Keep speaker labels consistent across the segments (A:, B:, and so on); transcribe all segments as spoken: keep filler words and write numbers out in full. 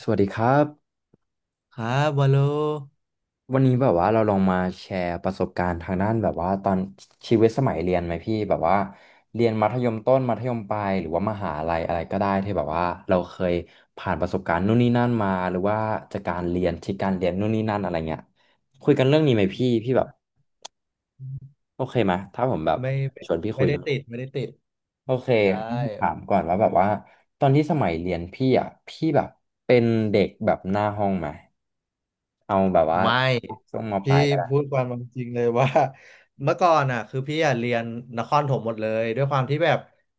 A: สวัสดีครับ
B: ครับวอลโล
A: วันนี้แบบว่าเราลองมาแชร์ประสบการณ์ทางด้านแบบว่าตอนชีวิตสมัยเรียนไหมพี่แบบว่าเรียนมัธยมต้นมัธยมปลายหรือว่ามหาลัยอะไรก็ได้ที่แบบว่าเราเคยผ่านประสบการณ์นู่นนี่นั่นมาหรือว่าจากการเรียนที่การเรียนนู่นนี่นั่นอะไรเงี้ยคุยกันเรื่องนี้ไหมพี่พี่แบบโอเคไหมถ้าผมแบบ
B: ไม่ไม่
A: ชวนพี่คุ
B: ไม่
A: ย
B: ได้
A: เรื่อง
B: ติดไม่ได้ติด
A: โอเค
B: ได้
A: งั้นถามก่อนว่าแบบว่าตอนที่สมัยเรียนพี่อ่ะพี่แบบเป็นเด็กแบบหน้าห้องไหมเอาแบบว่า
B: ไม่
A: ช่วงมป
B: พี่
A: ลายก็ได้
B: พูดความเป็นจริงเลยว่า เมื่อก่อนอ่ะคือพี่อ่ะเรียนนครถมหมดเลยด้วยความที่แบบ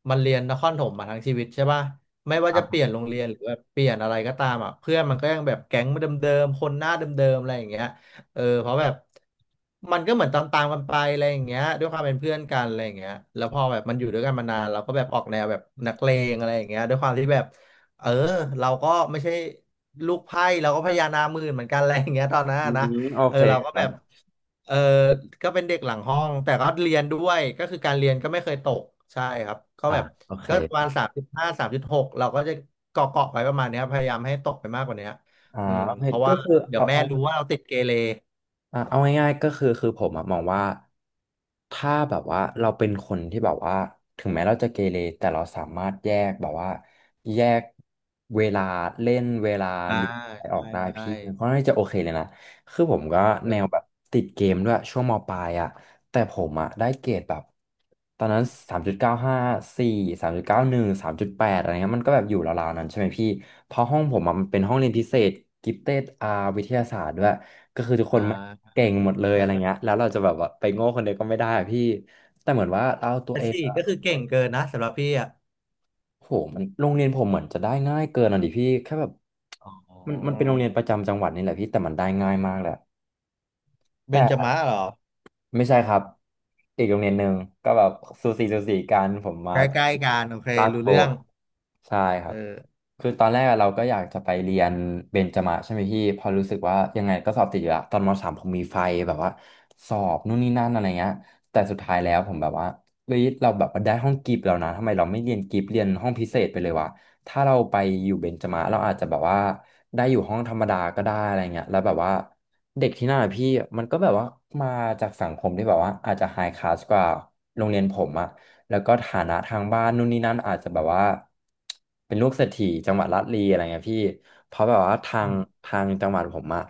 B: มันเรียนนครถมมาทั้งชีวิตใช่ป่ะไม่ว่าจะเปลี่ยนโรงเรียนหรือแบบเปลี่ยนอะไรก็ตามอ่ะเพื่อนมันก็ยังแบบแก๊งเดิมๆคนหน้าเดิมๆอะไรอย่างเงี้ยเออเพราะแบบมันก็เหมือนตามๆกันไปอะไรอย่างเงี้ยด้วยความเป็นเพื่อนกันอะไรอย่างเงี้ยแล้วพอแบบมันอยู่ด้วยกันมานานเราก็แบบออกแนวแบบนักเลงอะไรอย่างเงี้ยด้วยความที่แบบ เออเราก็ไม่ใช่ลูกไพ่เราก็พญานาคหมื่นเหมือนกัน อะไรอย่างเงี้ยตอนนั้น
A: อื
B: นะ
A: มโอ
B: เออ
A: เค
B: เรา
A: ค
B: ก็
A: รั
B: แบ
A: บ
B: บเออก็เป็นเด็กหลังห้องแต่ก็เรียนด้วยก็คือการเรียนก็ไม่เคยตกใช่ครับก็
A: อ่า
B: แบบ
A: โอเค
B: ก็ประมาณสามจุดห้าสามจุดหกเราก็จะเกาะเกาะไว้ประมาณเนี้ยพยายามให้ตกไปมากกว่าเนี้ย
A: อ๋อ
B: อืม
A: โอเค
B: เพราะ
A: ก็
B: ว่า
A: คือ
B: เดี๋ยว
A: เอา
B: แม่
A: เอา
B: รู้ว่าเราติดเกเร
A: อ่ะเอาง่ายๆก็คือคือผมอะมองว่าถ้าแบบว่าเราเป็นคนที่แบบว่าถึงแม้เราจะเกเรแต่เราสามารถแยกแบบว่าแยกเวลาเล่นเวลา
B: อ่า
A: เรียนอะไรออก
B: ใช่
A: ได้
B: ใช่
A: พี่มันก็น่าจะโอเคเลยนะคือผมก็
B: เอ
A: แนวแบ
B: อ
A: บติดเกมด้วยช่วงมปลายอ่ะแต่ผมอ่ะได้เกรดแบบตอนนั้นสามจุดเก้าห้าสี่สามจุดเก้าหนึ่งสามจุดแปดอะไรเงี้ยมันก็แบบอยู่ราวๆนั้นใช่ไหมพี่เพราะห้องผมอะมันเป็นห้องเรียนพิเศษกิฟเต็ดอาร์วิทยาศาสตร์ด้วย ก็คือทุกคน
B: อ่
A: ไม่ง
B: า
A: เก่งหมดเลย
B: เอ
A: อะไร
B: อ
A: เงี้ยแล้วเราจะแบบว่าไปโง่คนเดียวก็ไม่ได้อะพี่แต่เหมือนว่าเราตัว
B: แต่
A: เอง
B: สี่
A: อะ
B: ก็คือเก่งเกินนะสำหรับพี่อ่ะ
A: โหมันโรงเรียนผมเหมือนจะได้ง่ายเกินอ่ะดิพี่แค่แบบ
B: อ๋
A: มันมันเป็
B: อ
A: นโรงเรียนประจำจังหวัดนี่แหละพี่แต่มันได้ง่ายมากแหละ
B: เบ
A: แต่
B: นจมะเหรอ
A: ไม่ใช่ครับอีกโรงเรียนหนึ่งก็แบบสูสีสูสีกันผมมา
B: ใกล้ๆกันโอเค
A: ลาด
B: รู้
A: โบ
B: เรื่
A: ว์
B: อง
A: ใช่ครั
B: เอ
A: บ
B: อ
A: คือตอนแรกอะเราก็อยากจะไปเรียนเบญจมาศใช่ไหมพี่พอรู้สึกว่ายังไงก็สอบติดอยู่ละตอนมสามผมมีไฟแบบว่าสอบนู่นนี่นั่นอะไรเงี้ยแต่สุดท้ายแล้วผมแบบว่าเฮ้ยเราแบบว่าได้ห้องกิฟต์แล้วนะทำไมเราไม่เรียนกิฟต์เรียนห้องพิเศษไปเลยวะถ้าเราไปอยู่เบญจมาศเราอาจจะแบบว่าได้อยู่ห้องธรรมดาก็ได้อะไรเงี้ยแล้วแบบว่าเด็กที่นั่นอะพี่มันก็แบบว่ามาจากสังคมที่แบบว่าอาจจะไฮคลาสกว่าโรงเรียนผมอะ แล้วก็ฐานะทางบ้านนู่นนี่นั่นอาจจะแบบว่าเป็นลูกเศรษฐีจังหวัดลาดลีอะไรเงี้ยพี่เพราะแบบว่าทา
B: อื
A: ง
B: ม
A: ทางจังหวัดผมอะ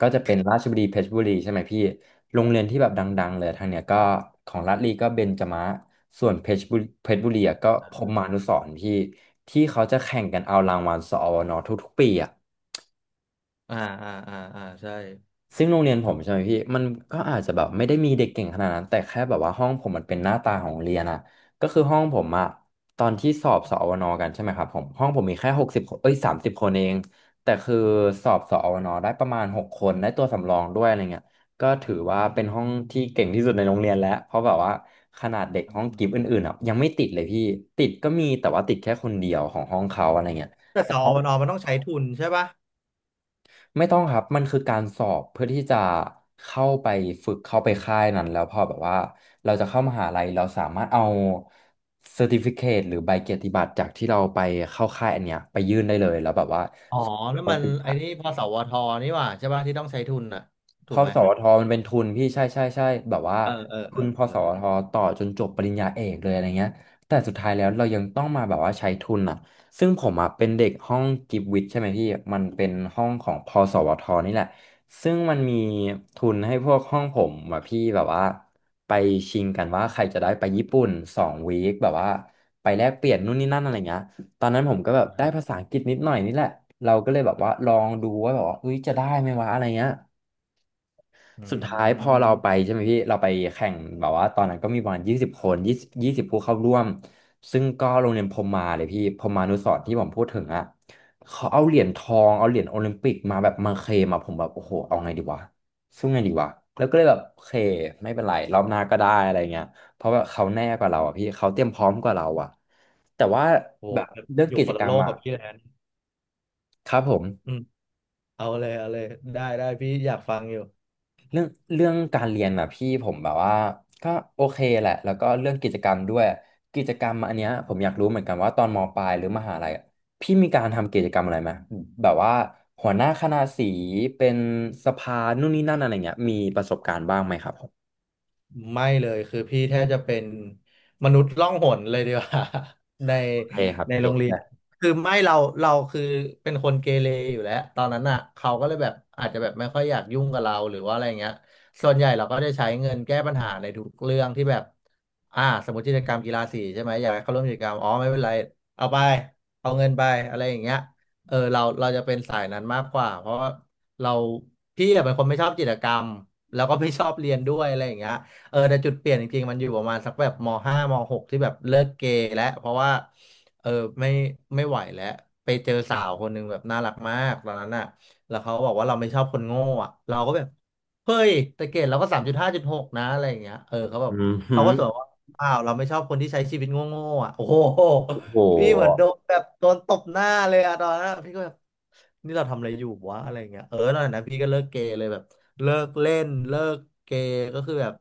A: ก็จะเป็นราชบุรีเพชรบุรีใช่ไหมพี่โรงเรียนที่แบบดังๆเลยทางเนี้ยก็ของลาดลีก็เบญจมะส่วนเพชรบุรีเพชรบุรีอะก็พรหมานุสรณ์พี่ที่เขาจะแข่งกันเอารางวัลสอวนทุกๆปีอะ
B: อ่าอ่าอ่าอ่าใช่
A: ซึ่งโรงเรียนผมใช่ไหมพี่มันก็อาจจะแบบไม่ได้มีเด็กเก่งขนาดนั้นแต่แค่แบบว่าห้องผมมันเป็นหน้าตาของโรงเรียนอะก็คือห้องผมอะตอนที่สอบสอวนกันใช่ไหมครับผมห้องผมมีแค่หกสิบเอ้ยสามสิบคนเองแต่คือสอบสอวนได้ประมาณหกคนได้ตัวสำรองด้วยอะไรเงี้ยก็ถือว่าเป็นห้องที่เก่งที่สุดในโรงเรียนแล้วเพราะแบบว่าขนาดเด็ก
B: อื
A: ห้องกิฟต์
B: ม
A: อื่นๆอะยังไม่ติดเลยพี่ติดก็มีแต่ว่าติดแค่คนเดียวของห้องเขาอะไรเงี้ย
B: แต่สอวนอมันต้องใช้ทุนใช่ป่ะ
A: ไม่ต้องครับ มันคือการสอบเพื่อที่จะเข้าไปฝึกเข้าไปค่ายนั้นแล้วพอแบบว่าเราจะเข้ามหาลัยเราสามารถเอาเซอร์ติฟิเคตหรือใบเกียรติบัตรจากที่เราไปเข้าค่ายอันเนี้ยไปยื่นได้เลยแล้วแบบว่า
B: อ๋อ
A: เรา
B: นั่นมัน
A: ติด
B: ไอ้นี่พสวทนี่หว่าใช่ป่ะที่ต้องใช้ทุนอ่ะ
A: พ
B: ถู
A: อ
B: กไหม
A: สวทมันเป็นทุนพี่ใช่ใช่ใช่แบบว่า
B: เออเออ
A: ทุ
B: เอ
A: น
B: อ
A: พอ
B: เอ
A: ส
B: อเอ
A: ว
B: อ
A: ทต่อจนจบปริญญาเอกเลยอะไรเงี้ยแต่สุดท้ายแล้วเรายังต้องมาแบบว่าใช้ทุนอ่ะซึ่งผมอ่ะเป็นเด็กห้องกิฟวิทย์ใช่ไหมพี่มันเป็นห้องของพอสวทนี่แหละซึ่งมันมีทุนให้พวกห้องผมอ่ะพี่แบบว่าไปชิงกันว่าใครจะได้ไปญี่ปุ่นสองวีคแบบว่าไปแลกเปลี่ยนนู่นนี่นั่นอะไรเงี้ยตอนนั้นผมก็แบบได้
B: นะ
A: ภาษาอังกฤษนิดหน่อยนี่แหละเราก็เลยแบบว่าลองดูว่าแบบว่าเฮ้ยจะได้ไหมวะอะไรเงี้ย
B: อื
A: สุดท้ายพอเรา
B: ม
A: ไปใช่ไหมพี่เราไปแข่งแบบว่าตอนนั้นก็มีประมาณยี่สิบคนยี่สิบยี่สิบผู้เข้าร่วมซึ่งก็โรงเรียนพรหมาเลยพี่พรหมานุสรณ์ที่ผมพูดถึงอ่ะเขาเอาเหรียญทองเอาเหรียญโอลิมปิกมาแบบมาเคลมอะผมแบบโอ้โหเอาไงดีวะสู้ไงดีวะแล้วก็เลยแบบโอเคไม่เป็นไรรอบหน้าก็ได้อะไรเงี้ยเพราะว่าเขาแน่กว่าเราอ่ะพี่เขาเตรียมพร้อมกว่าเราอ่ะแต่ว่า
B: โห
A: แบบเรื่อง
B: อยู่
A: กิ
B: ค
A: จ
B: น
A: ก
B: ละ
A: ร
B: โล
A: รม
B: ก
A: อ่ะ
B: กับพี่แล้ว
A: ครับผม
B: อืมเอาเลยเอาเลยได้ได้พี่อยากฟังอยู่
A: เรื่องเรื่องการเรียนอ่ะพี่ผมแบบว่าก็โอเคแหละแล้วก็เรื่องกิจกรรมด้วยกิจกรรมอันเนี้ยผมอยากรู้เหมือนกันว่าตอนมปลายหรือมหาลัยอะพี่มีการทำกิจกรรมอะไรไหมแบบว่าหัวหน้าคณะสีเป็นสภานู่นนี่นั่นอะไรเงี้ยมีประสบการณ์บ้างไหมครับผม
B: ไม่เลยคือพี่แทบจะเป็นมนุษย์ล่องหนเลยดีกว่า ใน
A: โอเคครับ
B: ในโร
A: เก็ต
B: งเรีย
A: เล
B: น
A: ย
B: คือไม่เราเราคือเป็นคนเกเรอยู่แล้วตอนนั้นอ่ะเขาก็เลยแบบอาจจะแบบไม่ค่อยอยากยุ่งกับเราหรือว่าอะไรเงี้ยส่วนใหญ่เราก็จะใช้เงินแก้ปัญหาในทุกเรื่องที่แบบอ่าสมมติกิจกรรมกีฬาสีใช่ไหมอยากให้เขาร่วมกิจกรรมอ๋อไม่เป็นไรเอาไปเอาเงินไปอะไรอย่างเงี้ยเออเราเราจะเป็นสายนั้นมากกว่าเพราะว่าเราพี่อะเป็นคนไม่ชอบกิจกรรมแล้วก็ไม่ชอบเรียนด้วยอะไรอย่างเงี้ย เออแต่จุดเปลี่ยนจริงๆมันอยู่ประมาณสักแบบมห้ามหกที่แบบเลิกเกย์แล้วเพราะว่าเออไม่ไม่ไหวแล้วไปเจอสาวคนหนึ่งแบบน่ารักมากตอนนั้นอ่ะแล้วเขาบอกว่าเราไม่ชอบคนโง่อ่ะเราก็แบบเฮ้ยแต่เกรดเราก็สามจุดห้าจุดหกนะอะไรอย่างเงี้ยเออเขาแบ
A: อื
B: บ
A: มฮึ
B: เขาก็สวนว่าอ้าวเราไม่ชอบคนที่ใช้ชีวิตโง่ๆอ่ะโอ้โห
A: โอ้โห
B: พี่เหมือนโดนแบบโดนตบหน้าเลยอะตอนนั้นอะพี่ก็แบบนี่เราทำอะไรอยู่วะอะไรเงี้ยเออตอนนั้นพี่ก็เลิกเกเรเลยแบบเลิกเล่นเลิกเกเรก็คือแบบ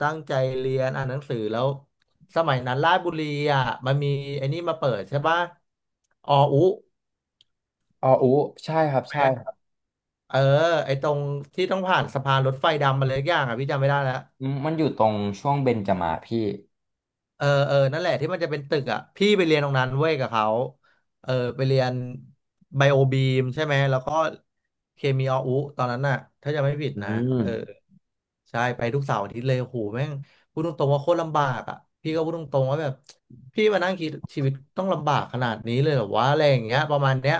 B: ตั้งใจเรียนอ่านหนังสือแล้วสมัยนั้นราชบุรีอ่ะมันมีไอ้นี่มาเปิดใช่ปะอออุ
A: อออู้ใช่ครับ
B: ไหม
A: ใช่ครับ
B: เออไอ้ตรงที่ต้องผ่านสะพานรถไฟดำมาเลยอย่างอ่ะพี่จำไม่ได้แล้ว
A: อืมมันอยู่ตรงช่วงเบญจมาศพี่
B: เออเออนั่นแหละที่มันจะเป็นตึกอ่ะพี่ไปเรียนตรงนั้นเว้ยกับเขาเออไปเรียนไบโอบีมใช่ไหมแล้วก็เคมีออุตอนนั้นน่ะถ้าจะไม่ผิ
A: อื
B: ดนะเออ
A: ม
B: ใช่ไปทุกเสาร์อาทิตย์เลยโหแม่งพูดตรงๆว่าโคตรลำบากอ่ะพี่ก็พูดตรงๆว่าแบบพี่มานั่งคิดชีวิตต้องลำบากขนาดนี้เลยเหรอวะอะไรอย่างเงี้ยประมาณเนี้ย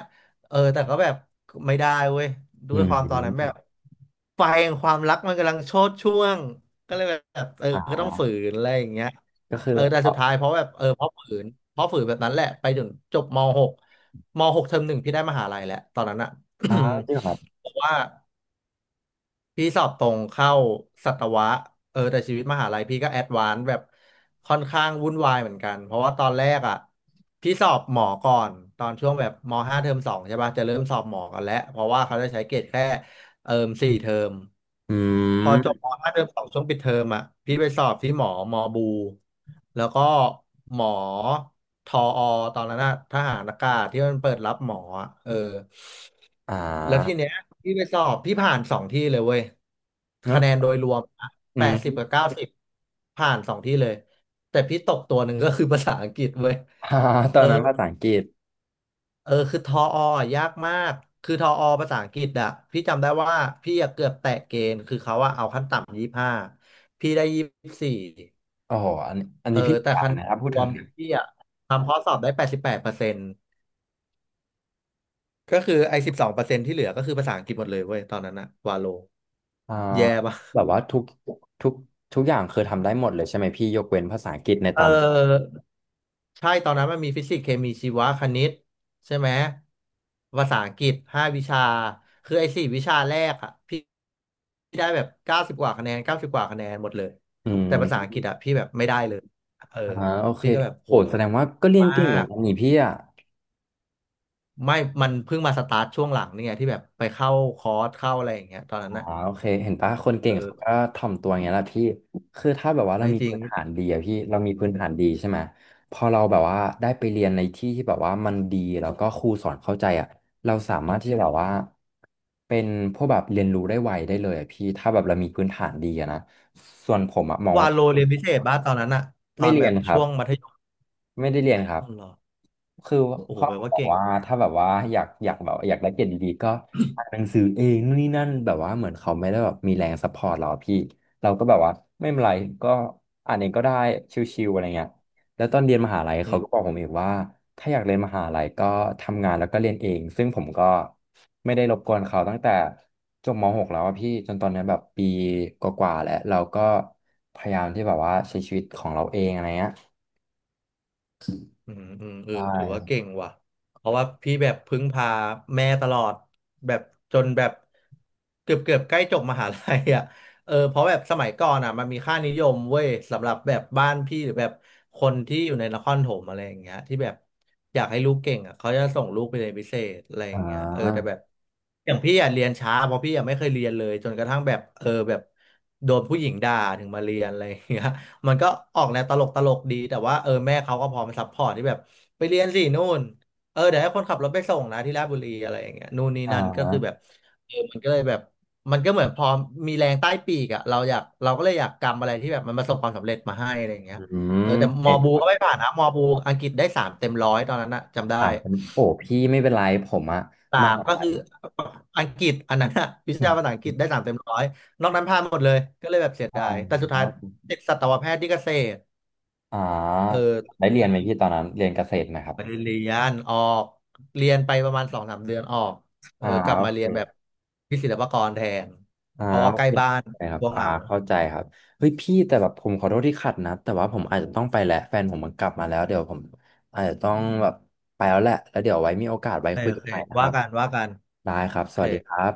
B: เออแต่ก็แบบไม่ได้เว้ย
A: อื
B: ด้วยความตอนนั้นแบ
A: ม
B: บไฟแห่งความรักมันกำลังโชติช่วงก็เลยแบบเออ
A: อ่
B: ก็
A: า
B: ต้องฝืนอะไรอย่างเงี้ย
A: ก็คือ
B: เออ
A: แบ
B: แต่สุด
A: บ
B: ท้ายเพราะแบบเออเพราะฝืนเพราะฝืนแบบนั้นแหละไปถึงจบมหกมหกเทอมหนึ่งพี่ได้มหาลัยแหละตอนนั้นอะ
A: อ๋อจริงเหรอครับ
B: เพราะว่าพี่สอบตรงเข้าสัตวะเออแต่ชีวิตมหาลัยพี่ก็แอดวานซ์แบบค่อนข้างวุ่นวายเหมือนกันเพราะว่าตอนแรกอะพี่สอบหมอก่อนตอนช่วงแบบมห้าเทอมสองใช่ป่ะจะเริ่มสอบหมอกันแล้วเพราะว่าเขาจะใช้เกรดแค่ เอิมสี่เทอม
A: อื
B: พอจบ
A: ม
B: มห้าเทอมสองช่วงปิดเทอมอ่ะพี่ไปสอบที่หมอมอบูแล้วก็หมอทออตอนนั้นนะทหารอากาศที่มันเปิดรับหมออะเออ
A: อ่
B: แล้วที
A: า
B: เนี้ยพี่ไปสอบพี่ผ่านสองที่เลยเว้ยคะ
A: เนาะ
B: แนนโดยรวม
A: อื
B: แป
A: ม
B: ดสิบ กับเก้าสิบผ่านสองที่เลยแต่พี่ตกตัวหนึ่งก็คือภาษาอังกฤษเว้ย
A: อ่าต
B: เอ
A: อ
B: อ
A: นนั้นภาษาอังกฤษ
B: เออคือทออะยากมากคือทออภาษาอังกฤษอะพี่จำได้ว่าพี่อะเกือบแตะเกณฑ์คือเขาอะเอาขั้นต่ำยี่ห้าพี่ได้ยี่สี่
A: โอ้โหอันอัน
B: เอ
A: นี้
B: อ
A: พี่
B: แต่
A: อ่า
B: คะ
A: น
B: แน
A: นะ
B: น
A: ครับพู
B: ร
A: ด
B: ว
A: ถึ
B: ม
A: ง
B: พี่อะทำข้อสอบได้แปดสิบแปดเปอร์เซ็นต์ก็คือไอ้สิบสองเปอร์เซ็นต์ที่เหลือก็คือภาษาอังกฤษหมดเลยเว้ยตอนนั้นอะวาโล
A: อ่า
B: แย่ปะ
A: แบบว่าทุกทุกทุกอย่างคือทำได้หมดเลยใช่ไหมพี่ยกเว้นภาษาอังกฤษใน
B: เอ
A: ต
B: อ
A: อนนั้น
B: ใช่ตอนนั้นมันมีฟิสิกส์เคมีชีวะคณิตใช่ไหมภาษาอังกฤษห้าวิชาคือไอ้สี่วิชาแรกอะพี่พี่ได้แบบเก้าสิบกว่าคะแนนเก้าสิบกว่าคะแนนหมดเลย
A: อืม
B: แต่ภาษาอังกฤษอะพี่แบบไม่ได้เลยเออ
A: อ่าโอเค
B: พี่ก็แบบโห
A: โอ้แสดงว่าก็เรียน
B: มา
A: เก่งเหมือน
B: ก
A: กันนี่พี่อ่ะ
B: ไม่มันเพิ่งมาสตาร์ทช่วงหลังนี่ไงที่แบบไปเข้าคอร์สเข้าอะไรอย่างเงี้ยตอน
A: อ๋
B: นั้
A: อ
B: นอะ
A: โอเคเห็นปะคนเก่งเขาก็ถ่อมตัวอย่างเงี้ยแหละพี่ คือถ้าแบบว่าเรา
B: ไม่
A: มี
B: จริง
A: พื้นฐานดีอะพี่เรามีพื้นฐานดีใช่ไหมพอเราแบบว่าได้ไปเรียนในที่ที่แบบว่ามันดีแล้วก็ครูสอนเข้าใจอะเราสามารถที่จะแบบว่าเป็นพวกแบบเรียนรู้ได้ไวได้เลยอะพี่ถ้าแบบเรามีพื้นฐานดีอะนะส่วนผมอะมอง
B: วา
A: ว่า
B: โลเรียนพิเศษบ้าตอนนั้นอะตอ
A: ไม่
B: น
A: เรี
B: แบ
A: ยน
B: บ
A: ครั
B: ช่
A: บ
B: วงมัธยม
A: ไม่ได้เรียนครับ
B: อ๋อเหรอ
A: คือ
B: โอ้โห
A: พ่อ
B: แปลว่า
A: บอก
B: เก่ง
A: ว่าถ้าแบบว่าอยากอยากแบบอยากได้เกรดดีๆก็อ่านหนังสือเองนู่นนี่นั่นแบบว่าเหมือนเขาไม่ได้แบบมีแรงซัพพอร์ตเราอะพี่ เราก็แบบว่าไม่เป็นไรก็อ่านเองก็ได้ชิวๆอะไรเงี้ยแล้วตอนเรียนมหาลัย
B: อื
A: เขาก็บอกผมอีกว่าถ้าอยากเรียนมหาลัยก็ทำงานแล้วก็เรียนเองซึ่งผมก็ไม่ได้รบกวนเขาตั้งแต่จบม .หก แล้วอะพี่จนตอนนี้แบบปีกว่าๆแล้วเราก็พยายามที่แบบว่าใช้ชีวิตของเราเองอะไรเงี้ย
B: อืมอืมเอ
A: ใช
B: อถือว่า
A: ่
B: เก่งว่ะเพราะว่าพี่แบบพึ่งพาแม่ตลอดแบบจนแบบเกือบเกือบใกล้จบมหาลัยอ่ะเออเพราะแบบสมัยก่อนอ่ะมันมีค่านิยมเว้ยสำหรับแบบบ้านพี่หรือแบบคนที่อยู่ในนครปฐมอะไรอย่างเงี้ยที่แบบอยากให้ลูกเก่งอ่ะเขาจะส่งลูกไปเรียนพิเศษอะไรอ
A: อ่
B: ย่างเงี้ยเออแต่
A: า
B: แบบอย่างพี่อ่ะเรียนช้าเพราะพี่อ่ะไม่เคยเรียนเลยจนกระทั่งแบบเออแบบโดนผู้หญิงด่าถึงมาเรียนอะไรอย่างเงี้ย มันก็ออกแนวตลกตลกดีแต่ว่าเออแม่เขาก็พร้อมซัพพอร์ตที่แบบไปเรียนสินู่นเออเดี๋ยวให้คนขับรถไปส่งนะที่ราชบุรีอะไรอย่างเงี้ยนู่นนี่
A: อ่
B: นั่นก็คือแบ
A: า
B: บเออมันก็เลยแบบมันก็เหมือนพอมีแรงใต้ปีกอะเราอยากเราก็เลยอยากกำอะไรที่แบบมันประสบความสำเร็จมาให้อะไรอย่างเงี้ย
A: อื
B: เออ
A: ม
B: แต่มอ
A: เอ็ด
B: บู
A: ครับ
B: ก็ไม่ผ่านนะมอบูอังกฤษได้สามเต็มร้อยตอนนั้นนะจำได้
A: ถามเป็นโอ้พี่ไม่เป็นไรผมอะ
B: สา
A: ม
B: ม
A: หา
B: ก็
A: ลั
B: คื
A: ย
B: ออังกฤษอันนั้นอะวิชาภาษาอังกฤษได้สาม เต็มร้อยนอกนั้นผ่านหมดเลยก็เลยแบบเสีย
A: อ่า
B: ดายแต่สุดท้ายติดสัตวแพทย์ที่เกษตร
A: อ่
B: เอ
A: า
B: อ
A: ได้เรียนไหมพี่ตอนนั้นเรียนเกษตรไหมครับ
B: ไมเรียนออกเรียนไปประมาณสองสามเดือนออกเออ
A: อ่า
B: กลับ
A: โอ
B: มาเรี
A: เค
B: ยนแบบที่ศิลปากรแทน
A: อ่า
B: เพราะว่า
A: โอ
B: ใกล้
A: เค
B: บ้าน
A: นะครั
B: ก
A: บ
B: ลัว
A: อ่า
B: เหงา
A: เข้าใจครับเฮ้ยพี่แต่แบบผมขอโทษที่ขัดนะแต่ว่าผมอาจจะต้องไปแหละแฟนผมมันกลับมาแล้วเดี๋ยวผมอาจจะต้องแบบไปแล้วแหละแล้วเดี๋ยวไว้มีโอกาส
B: โอ
A: ไว้
B: เค
A: คุย
B: โอ
A: กัน
B: เค
A: ใหม่นะค
B: ว่า
A: รับ
B: กันว่ากัน
A: ได้ครับ
B: โอ
A: ส
B: เค
A: วัสดีครับ